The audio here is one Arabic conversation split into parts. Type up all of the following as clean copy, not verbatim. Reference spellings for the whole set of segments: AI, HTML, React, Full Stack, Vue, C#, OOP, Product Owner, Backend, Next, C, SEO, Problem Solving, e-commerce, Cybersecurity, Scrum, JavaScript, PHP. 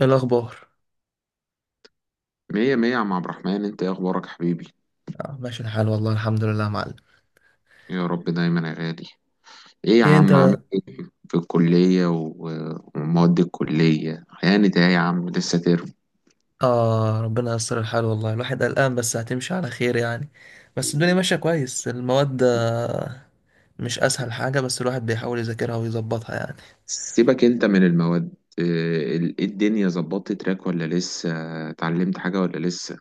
إيه الأخبار؟ مية مية يا عم عبد الرحمن، انت ايه اخبارك حبيبي؟ ماشي الحال، والله الحمد لله يا معلم. يا رب دايما يا غالي. ايه يا إيه عم عامل أنت؟ ايه؟ في الكلية ومواد الكلية هانت ايه يا عم؟ لسه ترم. ربنا ييسر الحال والله، الواحد قلقان بس هتمشي على خير يعني. بس الدنيا ماشية كويس، المواد مش أسهل حاجة، بس الواحد بيحاول يذاكرها ويظبطها يعني. سيبك انت من المواد. ايه الدنيا ظبطت تراك ولا لسه؟ اتعلمت حاجة ولا لسه؟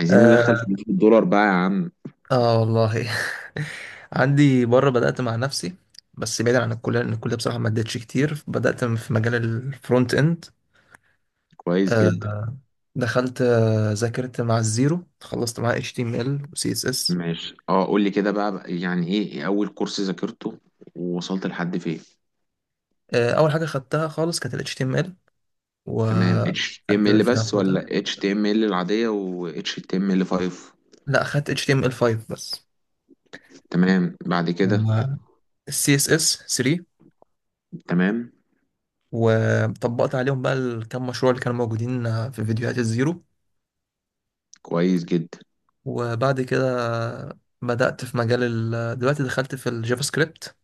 عايزين ندخل فلوس آه، الدولار بقى يا عم. والله. عندي بره بدأت مع نفسي، بس بعيدا عن الكلية لأن الكلية بصراحة ما ادتش كتير، بدأت في مجال الفرونت إند. كويس آه جدا. دخلت، ذاكرت مع الزيرو، خلصت معاه HTML و CSS. ماشي، اه، قول لي كده بقى يعني ايه اول كورس ذاكرته ووصلت لحد فين؟ اول حاجه خدتها خالص كانت ال HTML، تمام. اتش تي ام وقعدت ال فيها بس فترة. ولا اتش تي ام ال العادية و اتش تي ام ال 5؟ لا، خدت HTML5 بس، تمام بعد كده. وال CSS3، تمام. وطبقت عليهم بقى الكام مشروع اللي كانوا موجودين في فيديوهات الزيرو. كويس جدا. وبعد كده بدأت في مجال دلوقتي دخلت في الجافا سكريبت،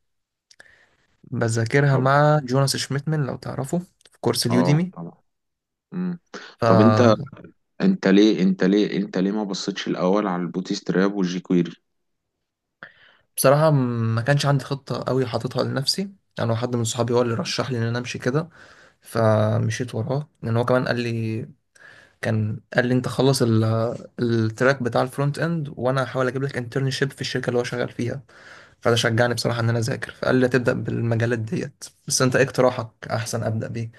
بذاكرها طب، مع جوناس شميتمن لو تعرفه في كورس اه اليوديمي. طبعا. مم. طب انت، فبصراحة انت ليه ما بصيتش الاول على البوتي ستراب والجي كويري؟ ما كانش عندي خطة قوي حاططها لنفسي انا، يعني حد من صحابي هو اللي رشح لي ان انا امشي كده، فمشيت وراه لان هو كمان قال لي، كان قال لي انت خلص التراك بتاع الفرونت اند، وانا هحاول اجيب لك انترنشيب في الشركه اللي هو شغال فيها. فده شجعني بصراحه ان انا اذاكر، فقال لي تبدا بالمجالات ديت، بس انت ايه اقتراحك احسن ابدا بيه؟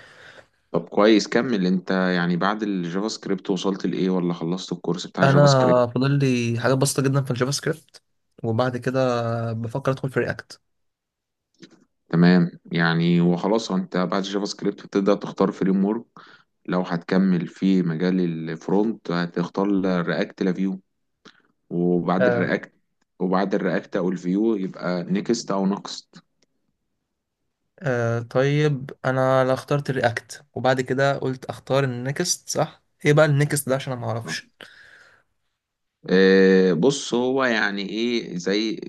طب كويس، كمل انت. يعني بعد الجافا سكريبت وصلت لايه ولا خلصت الكورس بتاع انا الجافا سكريبت؟ فاضل لي حاجات بسيطه جدا في الجافا سكريبت، وبعد كده بفكر ادخل في رياكت. تمام. يعني وخلاص انت بعد الجافا سكريبت بتبدأ تختار فريم ورك. لو هتكمل في مجال الفرونت هتختار رياكت لافيو. وبعد آه. الرياكت، وبعد الرياكت او الفيو يبقى نيكست او نكست. آه طيب انا، لا، اخترت رياكت وبعد كده قلت اختار النكست، صح؟ ايه بقى النكست ده؟ عشان انا ما اعرفش. بص، هو يعني ايه، زي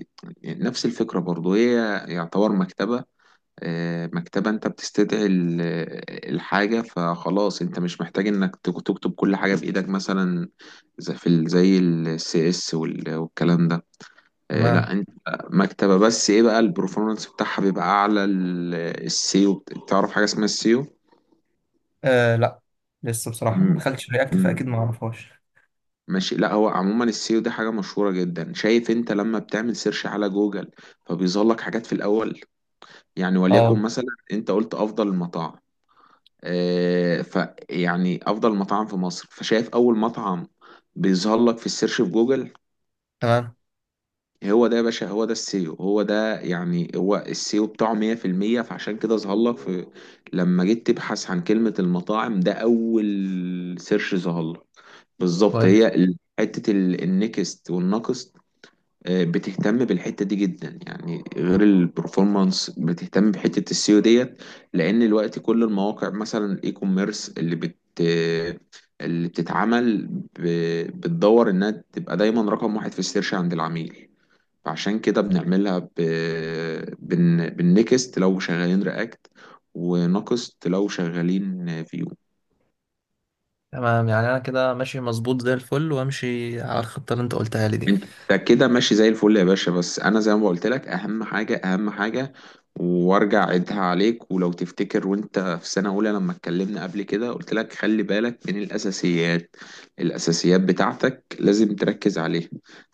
نفس الفكرة برضو هي. يعتبر مكتبة. مكتبة، انت بتستدعي الحاجة، فخلاص انت مش محتاج انك تكتب كل حاجة بإيدك مثلا. زي في زي السي اس والكلام ده. تمام. لا انت. مكتبة، بس ايه بقى البرفورمانس بتاعها بيبقى اعلى. السيو، تعرف حاجة اسمها لا، لسه بصراحه ما السيو؟ دخلتش رياكت، فاكيد ما اعرفهاش. ماشي. لا هو عموما السيو ده حاجة مشهورة جدا. شايف انت لما بتعمل سيرش على جوجل، فبيظهر لك حاجات في الأول. يعني وليكن اه. مثلا انت قلت أفضل المطاعم، اه، ف يعني أفضل مطاعم في مصر، فشايف أول مطعم بيظهر لك في السيرش في جوجل. تمام. هو ده يا باشا، هو ده السيو، هو ده. يعني هو السيو بتاعه 100%، فعشان كده ظهر لك في، لما جيت تبحث عن كلمة المطاعم، ده أول سيرش ظهر لك. بالظبط. كويس. هي حتة النكست والناقص. بتهتم بالحته دي جدا، يعني غير البرفورمانس بتهتم بحته السيو ديت. لان دلوقتي كل المواقع مثلا الاي كوميرس اللي بت، اللي بتتعمل بتدور انها تبقى دايما رقم واحد في السيرش عند العميل. فعشان كده بنعملها بالنكست لو شغالين رياكت، ونقصت لو شغالين فيو. تمام، يعني انا كده ماشي مظبوط زي الفل، وامشي على الخطه اللي انت قلتها لي دي. انت كده ماشي زي الفل يا باشا. بس انا زي ما قلت لك، اهم حاجه اهم حاجه، وارجع عيدها عليك، ولو تفتكر وانت في سنه اولى لما اتكلمنا قبل كده قلت لك خلي بالك من الاساسيات. الاساسيات بتاعتك لازم تركز عليها.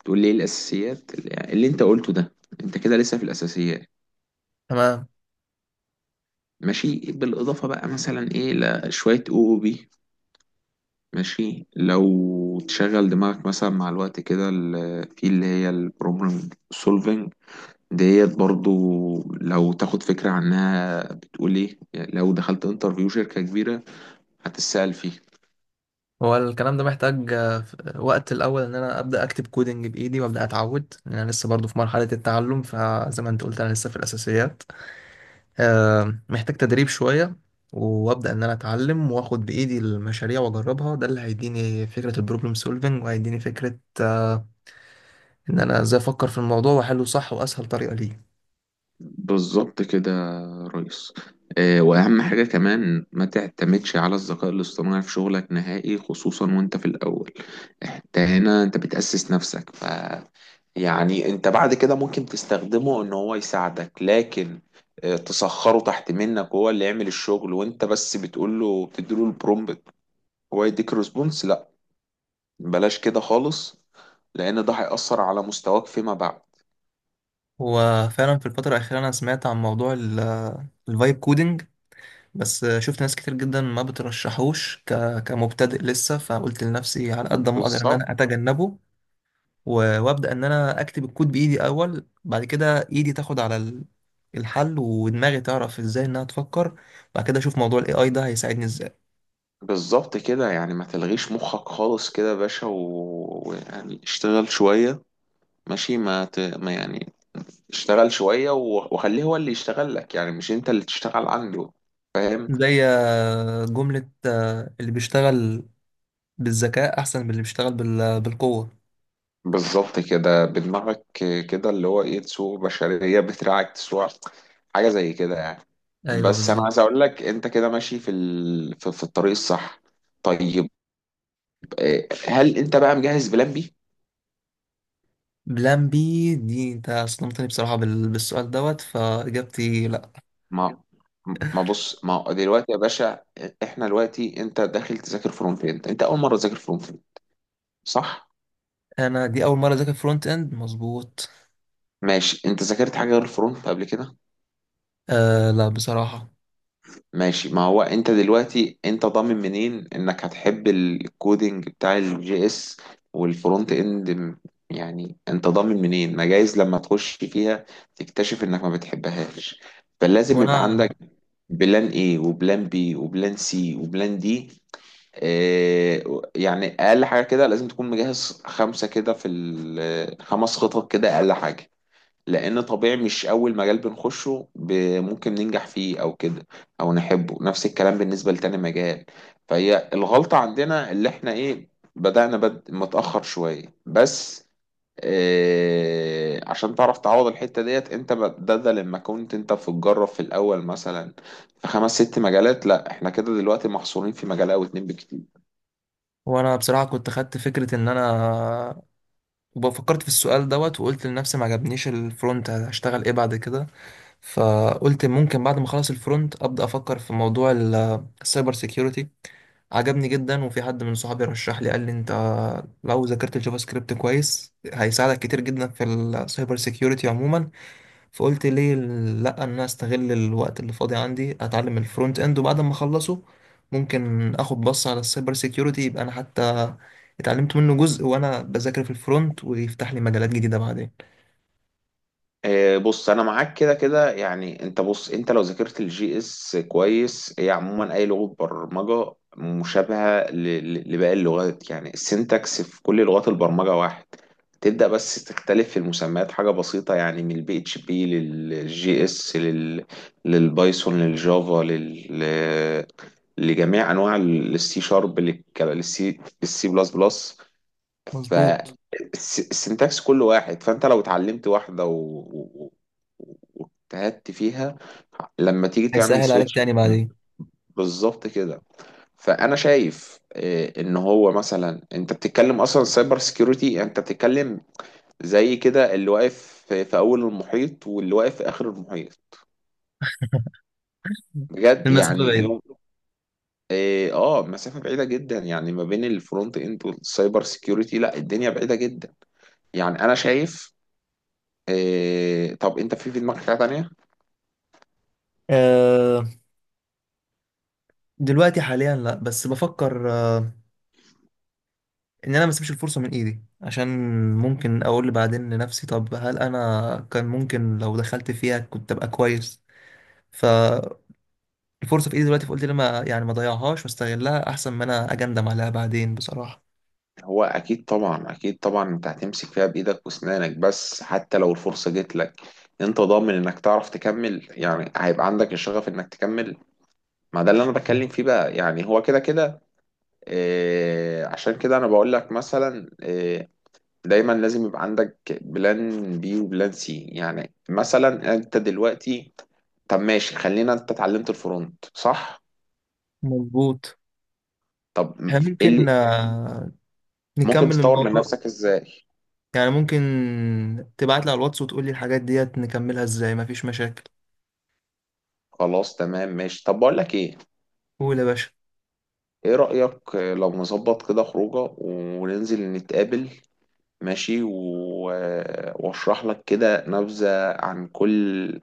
تقول لي ايه الاساسيات اللي انت قلته ده؟ انت كده لسه في الاساسيات. تمام. ماشي. بالاضافه بقى مثلا ايه لشويه او بي. ماشي. لو تشغل دماغك مثلا مع الوقت، كده في اللي هي البروبلم سولفنج ديت برضو. لو تاخد فكرة عنها، بتقول ايه يعني لو دخلت انترفيو شركة كبيرة هتتسأل فيه. هو الكلام ده محتاج، وقت الاول ان انا ابدا اكتب كودنج بايدي وابدا اتعود، لان انا لسه برضو في مرحله التعلم، فزي ما انت قلت انا لسه في الاساسيات. محتاج تدريب شويه، وابدا ان انا اتعلم واخد بايدي المشاريع واجربها، ده اللي هيديني فكره البروبلم سولفنج، وهيديني فكره ان انا ازاي افكر في الموضوع واحله صح واسهل طريقه ليه. بالظبط كده يا ريس. وأهم حاجة كمان، ما تعتمدش على الذكاء الاصطناعي في شغلك نهائي، خصوصا وانت في الأول. انت هنا انت بتأسس نفسك، ف يعني انت بعد كده ممكن تستخدمه ان هو يساعدك، لكن تسخره تحت منك، هو اللي يعمل الشغل وانت بس بتقول له، بتديله البرومبت، هو يديك ريسبونس. بلاش كده خالص، لان ده هيأثر على مستواك فيما بعد. هو فعلا في الفترة الأخيرة أنا سمعت عن موضوع الفايب كودينج، بس شفت ناس كتير جدا ما بترشحوش كمبتدئ لسه، فقلت لنفسي على قد ما أقدر إن أنا بالظبط، أتجنبه، وأبدأ إن أنا أكتب الكود بإيدي أول، بعد كده إيدي تاخد على الحل، ودماغي تعرف إزاي إنها تفكر. بعد كده أشوف موضوع ال AI ده هيساعدني إزاي. بالظبط كده. يعني ما تلغيش مخك خالص كده يا باشا، ويعني اشتغل شوية. ماشي. ما, ت... ما يعني اشتغل شوية وخليه هو اللي يشتغل لك، يعني مش انت اللي تشتغل عنده. فاهم؟ زي جملة اللي بيشتغل بالذكاء أحسن من اللي بيشتغل بالقوة. بالظبط كده، بدماغك. كده اللي هو ايه، تسوق بشرية بتراعك تسوق، حاجة زي كده يعني. أيوه بس انا بالظبط. عايز اقول لك انت كده ماشي في الطريق الصح. طيب، إيه، هل انت بقى مجهز بلان بي؟ بلان بي دي، انت صدمتني بصراحة بالسؤال دوت، فاجابتي لا. ما ما بص، ما هو دلوقتي يا باشا، احنا دلوقتي انت داخل تذاكر فرونت اند، انت اول مره تذاكر فرونت اند، صح؟ انا دي اول مرة اذاكر فرونت اند، مظبوط. ماشي. انت ذاكرت حاجه غير الفرونت قبل كده؟ لا بصراحة. ماشي. ما هو انت دلوقتي انت ضامن منين انك هتحب الكودينج بتاع الجي اس والفرونت اند م-، يعني انت ضامن منين؟ ما جايز لما تخش فيها تكتشف انك ما بتحبهاش. فلازم يبقى وانا عندك بلان ايه، وبلان بي، وبلان سي، وبلان دي. إيه، يعني اقل حاجه كده لازم تكون مجهز خمسه كده خمس خطط كده اقل حاجه. لان طبيعي مش اول مجال بنخشه ممكن ننجح فيه او كده، او نحبه، نفس الكلام بالنسبه لتاني مجال. فهي الغلطه عندنا اللي احنا ايه، بدأنا متأخر شويه بس. إيه، عشان تعرف تعوض الحته ديت، انت بدل لما كنت انت بتجرب في الاول مثلا في خمس ست مجالات، لا احنا كده دلوقتي محصورين في مجال او اتنين بكتير. وانا بصراحة كنت خدت فكرة ان انا وفكرت في السؤال دوت، وقلت لنفسي ما عجبنيش الفرونت هشتغل ايه بعد كده، فقلت ممكن بعد ما اخلص الفرونت ابدا افكر في موضوع السايبر سيكيورتي. عجبني جدا، وفي حد من صحابي رشح لي قال لي انت لو ذاكرت الجافا سكريبت كويس هيساعدك كتير جدا في السايبر سيكيورتي عموما. فقلت ليه لا، ان انا استغل الوقت اللي فاضي عندي اتعلم الفرونت اند، وبعد ما اخلصه ممكن اخد بص على السايبر سيكيورتي، يبقى انا حتى اتعلمت منه جزء وانا بذاكر في الفرونت، ويفتح لي مجالات جديدة بعدين. بص انا معاك كده كده. يعني انت بص، انت لو ذاكرت الجي اس كويس، هي عموما اي لغه برمجه مشابهه لباقي اللغات. يعني السنتكس في كل لغات البرمجه واحد، تبدا بس تختلف في المسميات، حاجه بسيطه. يعني من البي اتش بي للجي اس، للبايثون، للجافا، لجميع انواع السي شارب، للسي، للسي بلس بلس. مظبوط. فالسنتاكس كل واحد. فانت لو اتعلمت واحده و... و- واجتهدت فيها، لما تيجي تعمل هيسهل عليك سويتش. تاني بعدين. بالظبط كده. فانا شايف ان هو مثلا انت بتتكلم اصلا سايبر سكيورتي، انت بتتكلم زي كده اللي واقف في اول المحيط واللي واقف في اخر المحيط. بجد. المسافة يعني بعيد. يوم، اه، مسافه بعيده جدا يعني ما بين الفرونت اند والسايبر سكيورتي. لا، الدنيا بعيده جدا يعني انا شايف. إيه، طب انت في دماغك حاجة تانية؟ أه، دلوقتي حاليا لا، بس بفكر أه ان انا ما اسيبش الفرصة من ايدي، عشان ممكن اقول بعدين لنفسي طب هل انا كان ممكن لو دخلت فيها كنت ابقى كويس. ف الفرصه في ايدي دلوقتي، فقلت ليه ما، يعني ما اضيعهاش واستغلها احسن ما انا اجندم عليها بعدين بصراحه. هو اكيد طبعا، اكيد طبعا، انت هتمسك فيها بايدك واسنانك. بس حتى لو الفرصة جت لك، انت ضامن انك تعرف تكمل؟ يعني هيبقى عندك الشغف انك تكمل؟ ما ده اللي انا بتكلم فيه بقى. يعني هو كده كده. إيه، عشان كده انا بقول لك مثلا، إيه، دايما لازم يبقى عندك بلان بي وبلان سي. يعني مثلا انت دلوقتي، طب ماشي، خلينا، انت اتعلمت الفرونت صح؟ مظبوط. طب احنا ايه اللي ممكن ممكن نكمل تطور من الموضوع، نفسك ازاي؟ يعني ممكن تبعت لي على الواتس وتقول لي الحاجات ديت نكملها ازاي، مفيش مشاكل. خلاص تمام ماشي. طب بقول لك ايه، قول يا باشا. ايه رأيك لو نظبط كده خروجه وننزل نتقابل ماشي، واشرح لك كده نبذة عن كل،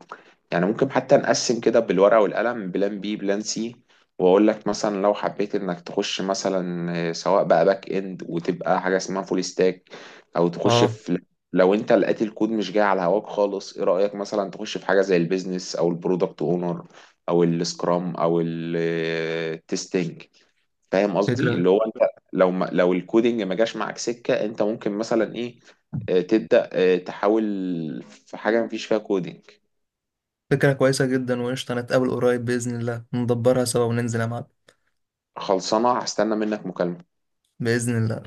يعني ممكن حتى نقسم كده بالورقة والقلم بلان بي بلان سي، واقول لك مثلا لو حبيت انك تخش مثلا، سواء بقى باك اند وتبقى حاجة اسمها فول ستاك، او تخش اه، في، لو انت لقيت الكود مش جاي على هواك خالص، ايه رأيك مثلا تخش في حاجة زي البيزنس او البرودكت اونر او السكرام او التستنج. فاهم قصدي، فكرة، اللي هو انت لو ما، لو الكودينج ما جاش معاك سكة، انت ممكن مثلا ايه، آه، تبدأ آه، تحاول في حاجة مفيش فيها كودينج. فكرة كويسة جدا وقشطة، نتقابل قريب بإذن الله ندبرها سوا وننزل يا معلم. خلصانة، هستنى منك مكالمة. بإذن الله.